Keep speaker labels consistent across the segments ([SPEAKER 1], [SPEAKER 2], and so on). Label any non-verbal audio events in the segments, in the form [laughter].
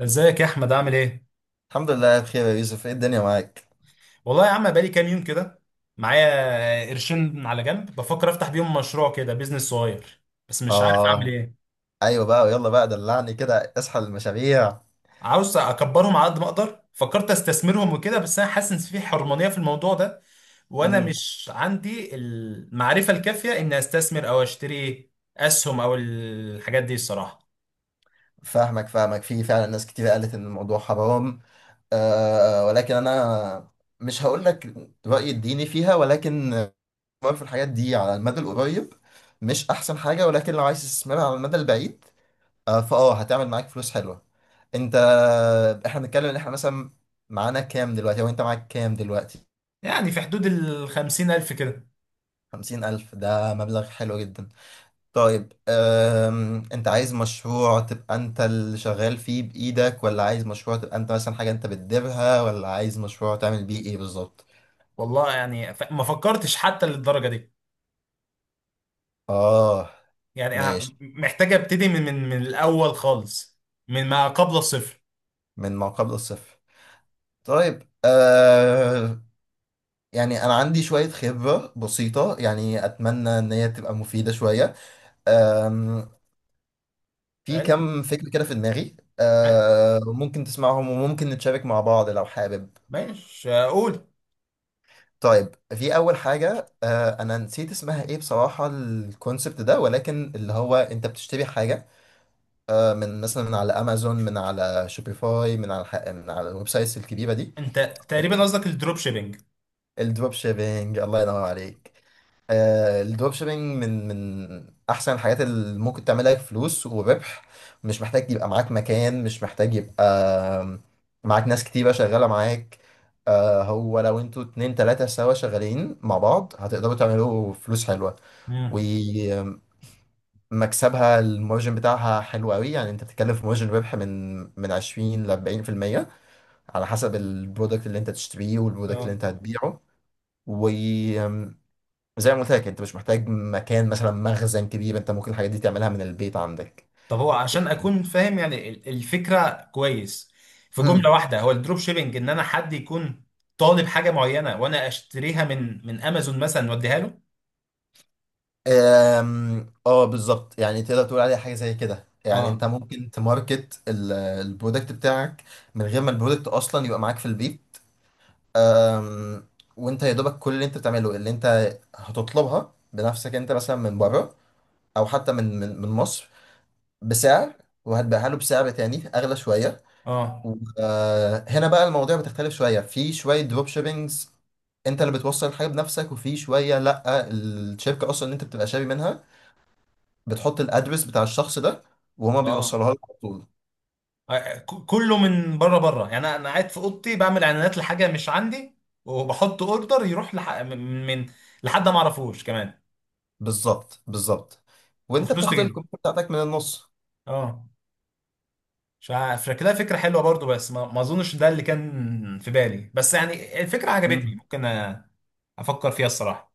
[SPEAKER 1] ازيك يا احمد عامل ايه؟
[SPEAKER 2] الحمد لله بخير يا يوسف، ايه الدنيا معاك؟
[SPEAKER 1] والله يا عم بقالي كام يوم كده، معايا قرشين على جنب بفكر افتح بيهم مشروع كده، بيزنس صغير بس مش عارف اعمل
[SPEAKER 2] اه،
[SPEAKER 1] ايه.
[SPEAKER 2] ايوه بقى، ويلا بقى دلعني كده، اصحى المشاريع.
[SPEAKER 1] عاوز اكبرهم على قد ما اقدر، فكرت استثمرهم وكده، بس انا حاسس ان في حرمانية في الموضوع ده، وانا
[SPEAKER 2] امم
[SPEAKER 1] مش عندي المعرفة الكافية ان استثمر او اشتري اسهم او الحاجات دي الصراحة.
[SPEAKER 2] فاهمك فاهمك، في فعلا ناس كتير قالت ان الموضوع حرام، ولكن انا مش هقول لك رايي الديني فيها، ولكن الاستثمار في الحاجات دي على المدى القريب مش احسن حاجه، ولكن لو عايز تستثمرها على المدى البعيد آه فاه هتعمل معاك فلوس حلوه. انت احنا بنتكلم ان احنا مثلا معانا كام دلوقتي، او انت معاك كام دلوقتي؟
[SPEAKER 1] يعني في حدود ال 50,000 الف كده.
[SPEAKER 2] 50,000 ده مبلغ حلو جدا. طيب، انت عايز مشروع تبقى انت اللي شغال فيه بإيدك، ولا عايز مشروع تبقى انت مثلا حاجة انت بتديرها، ولا عايز مشروع تعمل بيه ايه بالظبط؟
[SPEAKER 1] والله يعني ما فكرتش حتى للدرجة دي.
[SPEAKER 2] اه،
[SPEAKER 1] يعني أنا
[SPEAKER 2] ماشي.
[SPEAKER 1] محتاج ابتدي من الاول خالص، من ما قبل الصفر.
[SPEAKER 2] من ما قبل الصفر. طيب. يعني انا عندي شوية خبرة بسيطة، يعني اتمنى ان هي تبقى مفيدة شوية. أم... في
[SPEAKER 1] هل-
[SPEAKER 2] كم فكرة كده في دماغي،
[SPEAKER 1] هل-
[SPEAKER 2] ممكن تسمعهم، وممكن نتشارك مع بعض لو حابب.
[SPEAKER 1] ماشي اقول.
[SPEAKER 2] طيب، في اول حاجه، انا نسيت اسمها ايه بصراحه الكونسبت ده، ولكن اللي هو انت بتشتري حاجه من مثلا من على امازون، من على شوبيفاي، من على الويب سايتس الكبيره دي.
[SPEAKER 1] انت تقريبا قصدك الدروب شيبينج.
[SPEAKER 2] الدروب شيبينج، الله ينور عليك. الدروب شيبينج من احسن الحاجات اللي ممكن تعملها فلوس وربح. مش محتاج يبقى معاك مكان، مش محتاج يبقى آم، معاك ناس كتيرة شغالة معاك. هو لو انتوا اتنين تلاتة سوا شغالين مع بعض، هتقدروا تعملوا فلوس حلوة.
[SPEAKER 1] امم،
[SPEAKER 2] ومكسبها، المارجن بتاعها حلو قوي، يعني انت بتتكلم في مارجن ربح من 20 ل 40%، على حسب البرودكت اللي انت تشتريه والبرودكت اللي
[SPEAKER 1] اه.
[SPEAKER 2] انت هتبيعه. وزي ما قلت لك، انت مش محتاج مكان، مثلا مخزن كبير، انت ممكن الحاجات دي تعملها من البيت عندك.
[SPEAKER 1] طب هو عشان اكون فاهم يعني الفكره كويس، في جمله
[SPEAKER 2] امم
[SPEAKER 1] واحده هو الدروب شيبينج ان انا حد يكون طالب حاجه معينه وانا اشتريها من امازون مثلا واديها له.
[SPEAKER 2] أم، اه، بالظبط، يعني تقدر تقول عليها حاجه زي كده، يعني
[SPEAKER 1] اه،
[SPEAKER 2] انت ممكن تماركت البرودكت بتاعك من غير ما البرودكت اصلا يبقى معاك في البيت. أم، وانت يا دوبك كل اللي انت بتعمله، اللي انت هتطلبها بنفسك انت مثلا من بره، او حتى من مصر بسعر، وهتبيعها له بسعر تاني اغلى شويه.
[SPEAKER 1] اه،
[SPEAKER 2] هنا بقى المواضيع بتختلف شويه، في شويه دروب شيبينجز انت اللي بتوصل الحاجه بنفسك، وفي شويه لا، الشركه اصلا اللي انت بتبقى شاري منها بتحط الادرس بتاع الشخص ده وهما
[SPEAKER 1] اه،
[SPEAKER 2] بيوصلوها لك على طول.
[SPEAKER 1] آه، كله من بره يعني انا أنا قاعد في اوضتي بعمل اعلانات لحاجه مش عندي وبحط اوردر يروح لحد ما اعرفوش كمان.
[SPEAKER 2] بالظبط بالظبط، وانت
[SPEAKER 1] وفلوس
[SPEAKER 2] بتاخد
[SPEAKER 1] تجيلي،
[SPEAKER 2] الكومنت بتاعتك من النص.
[SPEAKER 1] اه. مش عارف شكلها فكره حلوه برضو، بس ما اظنش ده اللي كان في بالي، بس يعني الفكره عجبتني، ممكن أ- افكر فيها الصراحه.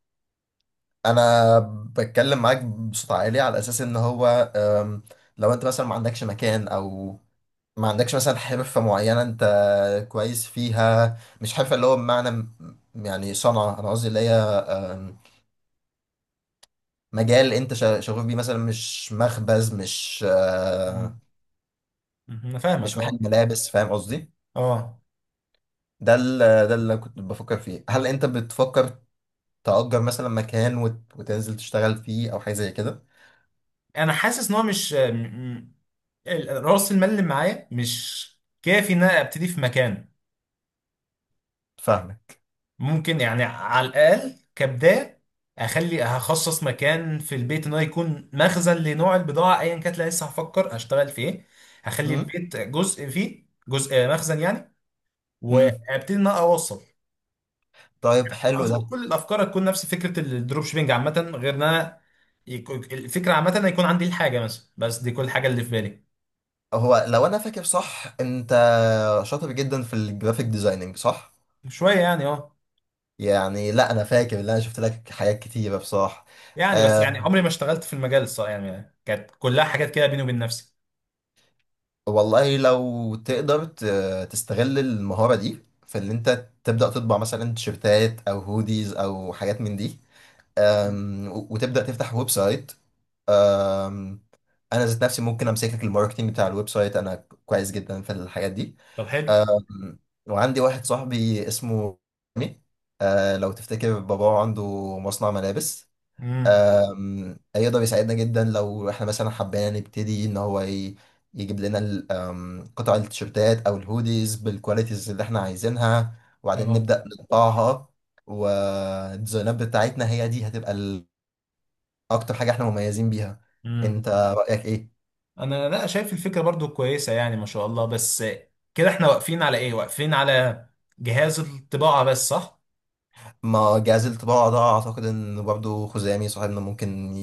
[SPEAKER 2] انا بتكلم معاك بصوت عالي على اساس ان هو أم، لو انت مثلا ما عندكش مكان، او ما عندكش مثلا حرفة معينة انت كويس فيها. مش حرفة اللي هو بمعنى يعني صنعة، انا قصدي اللي هي مجال انت شغوف بيه، مثلا مش مخبز، مش
[SPEAKER 1] مم. مم. انا فاهمك،
[SPEAKER 2] مش محل
[SPEAKER 1] اه.
[SPEAKER 2] ملابس، فاهم قصدي؟
[SPEAKER 1] اه،
[SPEAKER 2] ده ال- ده اللي كنت بفكر فيه. هل انت بتفكر تأجر مثلا مكان وتنزل تشتغل فيه، او حاجة زي كده؟
[SPEAKER 1] انا حاسس ان هو مش م- م- ال- راس المال اللي معايا مش كافي ان انا ابتدي في مكان.
[SPEAKER 2] فاهمك.
[SPEAKER 1] ممكن يعني على الأقل كبداية هخصص مكان في البيت إن هو يكون مخزن لنوع البضاعة أيا كانت، لا لسه هفكر أشتغل في إيه. هخلي
[SPEAKER 2] مم.
[SPEAKER 1] البيت جزء، فيه جزء آه، مخزن يعني.
[SPEAKER 2] مم.
[SPEAKER 1] وأبتدي إن أنا أوصل.
[SPEAKER 2] طيب، حلو ده.
[SPEAKER 1] أظن كل الأفكار هتكون نفس فكرة الدروب شيبينج عامة، غير إن أنا الفكرة عامة إن يكون عندي الحاجة مثلا، بس دي كل حاجة اللي في بالي.
[SPEAKER 2] هو لو انا فاكر صح، انت شاطر جدا في الجرافيك ديزايننج صح؟
[SPEAKER 1] شوية يعني أه.
[SPEAKER 2] يعني لا، انا فاكر ان انا شفت لك حاجات كتيره بصراحه.
[SPEAKER 1] يعني بس
[SPEAKER 2] أه
[SPEAKER 1] يعني عمري ما اشتغلت في المجال الصراحة، يعني كانت كلها حاجات كده بيني وبين نفسي.
[SPEAKER 2] والله لو تقدر تستغل المهاره دي في ان انت تبدا تطبع مثلا تيشيرتات او هوديز او حاجات من دي. وتبدا تفتح ويب سايت. أم، انا ذات نفسي ممكن امسك لك الماركتنج بتاع الويب سايت، انا كويس جدا في الحاجات دي.
[SPEAKER 1] طب حلو.
[SPEAKER 2] آم، وعندي واحد صاحبي اسمه مي، لو تفتكر باباه عنده مصنع ملابس.
[SPEAKER 1] امم،
[SPEAKER 2] هيقدر يساعدنا جدا لو احنا مثلا حبينا نبتدي، ان هو يجيب لنا ال- آم، قطع التيشيرتات او الهوديز بالكواليتيز اللي احنا عايزينها، وبعدين
[SPEAKER 1] تمام.
[SPEAKER 2] نبدأ نطبعها. والديزاينات بتاعتنا هي دي هتبقى اكتر حاجة احنا مميزين بيها.
[SPEAKER 1] مم.
[SPEAKER 2] انت رأيك ايه؟
[SPEAKER 1] انا لا شايف الفكره برضو كويسه، يعني ما شاء الله، بس كده احنا واقفين على ايه؟ واقفين على جهاز الطباعه بس، صح؟
[SPEAKER 2] ما جهاز الطباعة ده اعتقد ان برضه خزامي صاحبنا ممكن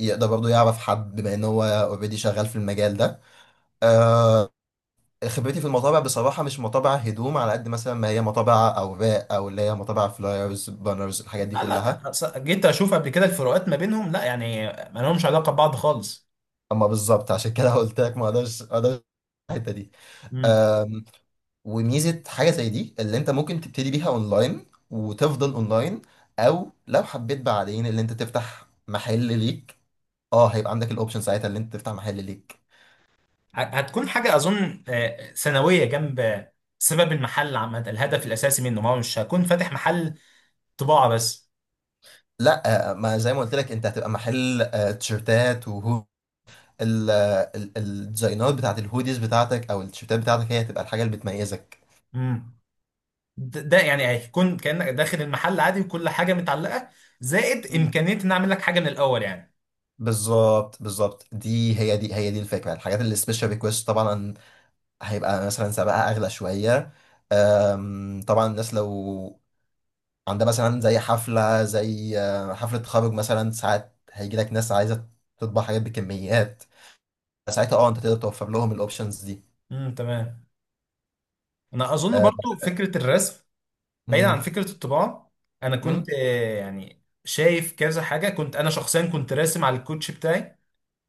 [SPEAKER 2] يقدر برضه يعرف حد، بما ان هو اوريدي شغال في المجال ده. آه خبرتي في المطابع بصراحة مش مطابع هدوم، على قد مثلا ما هي مطابع اوراق، او اللي هي مطابع فلايرز بانرز الحاجات دي
[SPEAKER 1] لا لا،
[SPEAKER 2] كلها.
[SPEAKER 1] جيت اشوف قبل كده الفروقات ما بينهم، لا يعني ما لهمش علاقه ببعض خالص.
[SPEAKER 2] اما بالظبط، عشان كده قلت لك ما اقدرش ما اقدرش الحتة دي.
[SPEAKER 1] امم.
[SPEAKER 2] آم، وميزة حاجة زي دي اللي انت ممكن تبتدي بيها اونلاين وتفضل اونلاين، او لو حبيت بعدين اللي انت تفتح محل ليك، اه هيبقى عندك الاوبشن ساعتها اللي انت تفتح محل ليك.
[SPEAKER 1] هتكون حاجه اظن آه، ثانويه جنب سبب المحل عامه، الهدف الاساسي منه ما هو مش هكون فاتح محل طباعه بس.
[SPEAKER 2] لا، ما زي ما قلت لك، انت هتبقى محل تيشيرتات، وهو الديزاينات بتاعت الهوديز بتاعتك او التيشيرتات بتاعتك هي هتبقى الحاجه اللي بتميزك.
[SPEAKER 1] امم. ده، ده يعني هيكون كانك داخل المحل عادي وكل حاجه متعلقه، زائد
[SPEAKER 2] مم.
[SPEAKER 1] امكانيه ان اعمل لك حاجه من الاول يعني.
[SPEAKER 2] بالظبط بالظبط، دي هي دي الفكره. الحاجات اللي سبيشال ريكويست طبعا هيبقى مثلا سعرها اغلى شويه. طبعا الناس لو عندها مثلا زي حفله، زي حفله تخرج مثلا، ساعات هيجي لك ناس عايزه تطبع حاجات بكميات، ساعتها اه انت تقدر توفر لهم الاوبشنز دي.
[SPEAKER 1] امم، تمام. انا اظن
[SPEAKER 2] آه،
[SPEAKER 1] برضو فكره الرسم بعيد عن فكره الطباعه. انا كنت
[SPEAKER 2] مم.
[SPEAKER 1] آه، يعني شايف كذا حاجه، كنت انا شخصيا كنت راسم على الكوتش بتاعي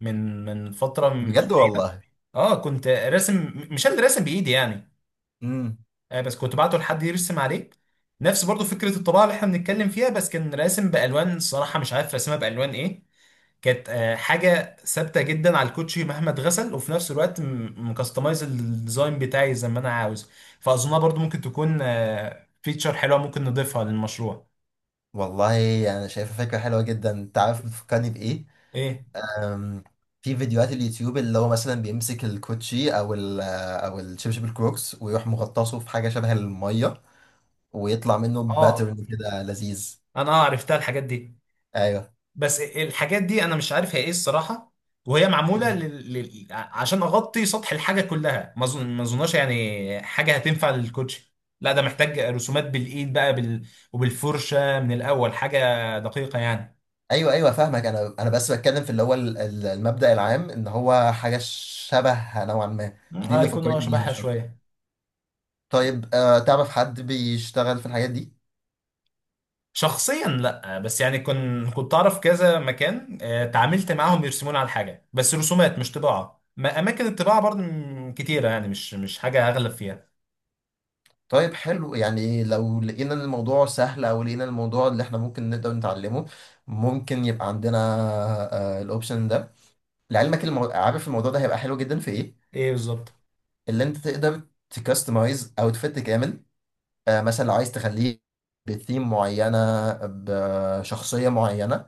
[SPEAKER 1] من فتره
[SPEAKER 2] بجد
[SPEAKER 1] مش بعيده.
[SPEAKER 2] والله.
[SPEAKER 1] اه كنت راسم، مش انا اللي راسم بايدي يعني،
[SPEAKER 2] امم
[SPEAKER 1] آه بس كنت بعته لحد يرسم عليه. نفس برضو فكره الطباعه اللي احنا بنتكلم فيها، بس كان راسم بالوان الصراحه، مش عارف راسمها بالوان ايه. كانت آه، حاجة ثابتة جدا على الكوتشي مهما اتغسل، وفي نفس الوقت مكستمايز الديزاين بتاعي زي ما انا عاوز. فاظنها برضو ممكن تكون فيتشر حلوة ممكن نضيفها للمشروع.
[SPEAKER 2] والله انا شايفه فكره حلوه جدا، انت عارف بتفكرني بايه؟
[SPEAKER 1] ايه؟
[SPEAKER 2] أم، في فيديوهات اليوتيوب اللي هو مثلا بيمسك الكوتشي، او الشبشب الكروكس ويروح مغطسه في حاجه شبه الميه، ويطلع منه
[SPEAKER 1] اه
[SPEAKER 2] باترن كده لذيذ.
[SPEAKER 1] انا آه عرفتها الحاجات دي.
[SPEAKER 2] ايوه.
[SPEAKER 1] بس الحاجات دي انا مش عارف هي ايه الصراحة، وهي معمولة
[SPEAKER 2] مم.
[SPEAKER 1] عشان اغطي سطح الحاجة كلها، ما اظن ما اظنهاش يعني حاجة هتنفع للكوتشي. لا ده محتاج رسومات بالايد بقى وبالفرشة، من الاول حاجة دقيقة يعني.
[SPEAKER 2] ايوه، ايوه. فاهمك، انا بس بتكلم في اللي هو المبدأ العام ان هو حاجه شبه نوعا ما دي
[SPEAKER 1] اه
[SPEAKER 2] اللي
[SPEAKER 1] يكون آه
[SPEAKER 2] فكرتني بيها،
[SPEAKER 1] شبهها
[SPEAKER 2] مش اكتر.
[SPEAKER 1] شوية.
[SPEAKER 2] طيب، تعرف حد بيشتغل في الحاجات دي؟
[SPEAKER 1] شخصيا لا، بس يعني كنت اعرف كذا مكان آه، تعاملت معاهم يرسمون على حاجه، بس رسومات مش طباعه. ما اماكن الطباعه برضه كتيره يعني، مش حاجه اغلب فيها.
[SPEAKER 2] طيب، حلو. يعني لو لقينا إن الموضوع سهل، او لقينا الموضوع اللي احنا ممكن نقدر نتعلمه، ممكن يبقى عندنا الاوبشن ده. لعلمك، عارف الموضوع ده هيبقى حلو جدا في ايه؟
[SPEAKER 1] ايه بالظبط.
[SPEAKER 2] اللي انت تقدر تكستمايز اوتفيت كامل، مثلا لو عايز تخليه بثيم معينة، بشخصية معينة،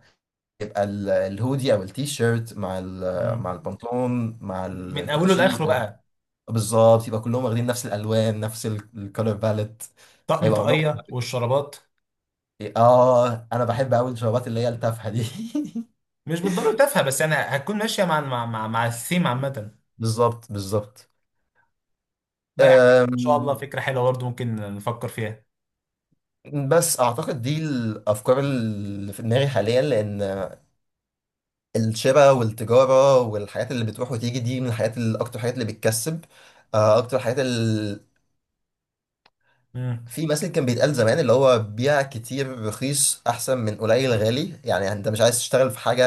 [SPEAKER 2] يبقى الهودي او التي شيرت مع مع
[SPEAKER 1] مم.
[SPEAKER 2] البنطلون مع
[SPEAKER 1] من اوله
[SPEAKER 2] الكوتشي،
[SPEAKER 1] لاخره
[SPEAKER 2] يبقى
[SPEAKER 1] بقى.
[SPEAKER 2] بالظبط، يبقى كلهم واخدين نفس الالوان، نفس الكالر باليت.
[SPEAKER 1] طقم
[SPEAKER 2] هيبقى موضوع.
[SPEAKER 1] طاقيه والشرابات.
[SPEAKER 2] اه، انا بحب قوي الشرابات اللي هي التافهه دي.
[SPEAKER 1] مش بالضروره تافهه، بس يعني هتكون ماشيه مع الثيم عامه.
[SPEAKER 2] [laughs] بالظبط بالظبط.
[SPEAKER 1] لا يعني ان شاء الله
[SPEAKER 2] أم،
[SPEAKER 1] فكره حلوه برضه، ممكن نفكر فيها.
[SPEAKER 2] بس اعتقد دي الافكار اللي في دماغي حاليا، لان الشراء والتجاره والحاجات اللي بتروح وتيجي دي من الحاجات اللي اكتر حاجات اللي بتكسب، اكتر حاجات اللي
[SPEAKER 1] مم.
[SPEAKER 2] في مثل كان بيتقال زمان اللي هو بيع كتير رخيص احسن من قليل غالي. يعني انت مش عايز تشتغل في حاجه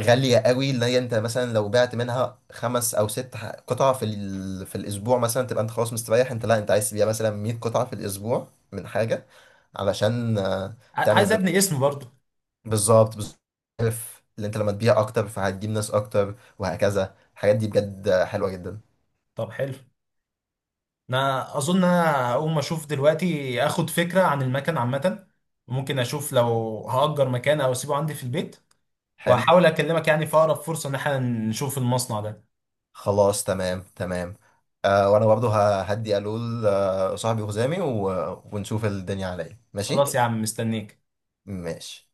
[SPEAKER 2] غالية قوي، اللي هي انت مثلا لو بعت منها خمس او ست قطع في الاسبوع مثلا، تبقى انت خلاص مستريح. انت لا، انت عايز تبيع مثلا 100 قطعة في الاسبوع من حاجة، علشان تعمل
[SPEAKER 1] عايز ابني اسم برضه.
[SPEAKER 2] بالظبط بالظبط. عارف، اللي انت لما تبيع اكتر فهتجيب ناس اكتر، وهكذا الحاجات دي بجد حلوة جدا.
[SPEAKER 1] طب حلو. انا اظن انا هقوم اشوف دلوقتي اخد فكره عن المكان عامه، ممكن اشوف لو هأجر مكان او اسيبه عندي في البيت،
[SPEAKER 2] حلو.
[SPEAKER 1] واحاول اكلمك يعني في اقرب فرصه ان احنا نشوف المصنع ده.
[SPEAKER 2] خلاص، تمام تمام. وانا برضه هدي الول صاحبي وخزامي ونشوف الدنيا على ايه. ماشي.
[SPEAKER 1] خلاص يا عم، مستنيك.
[SPEAKER 2] ماشي.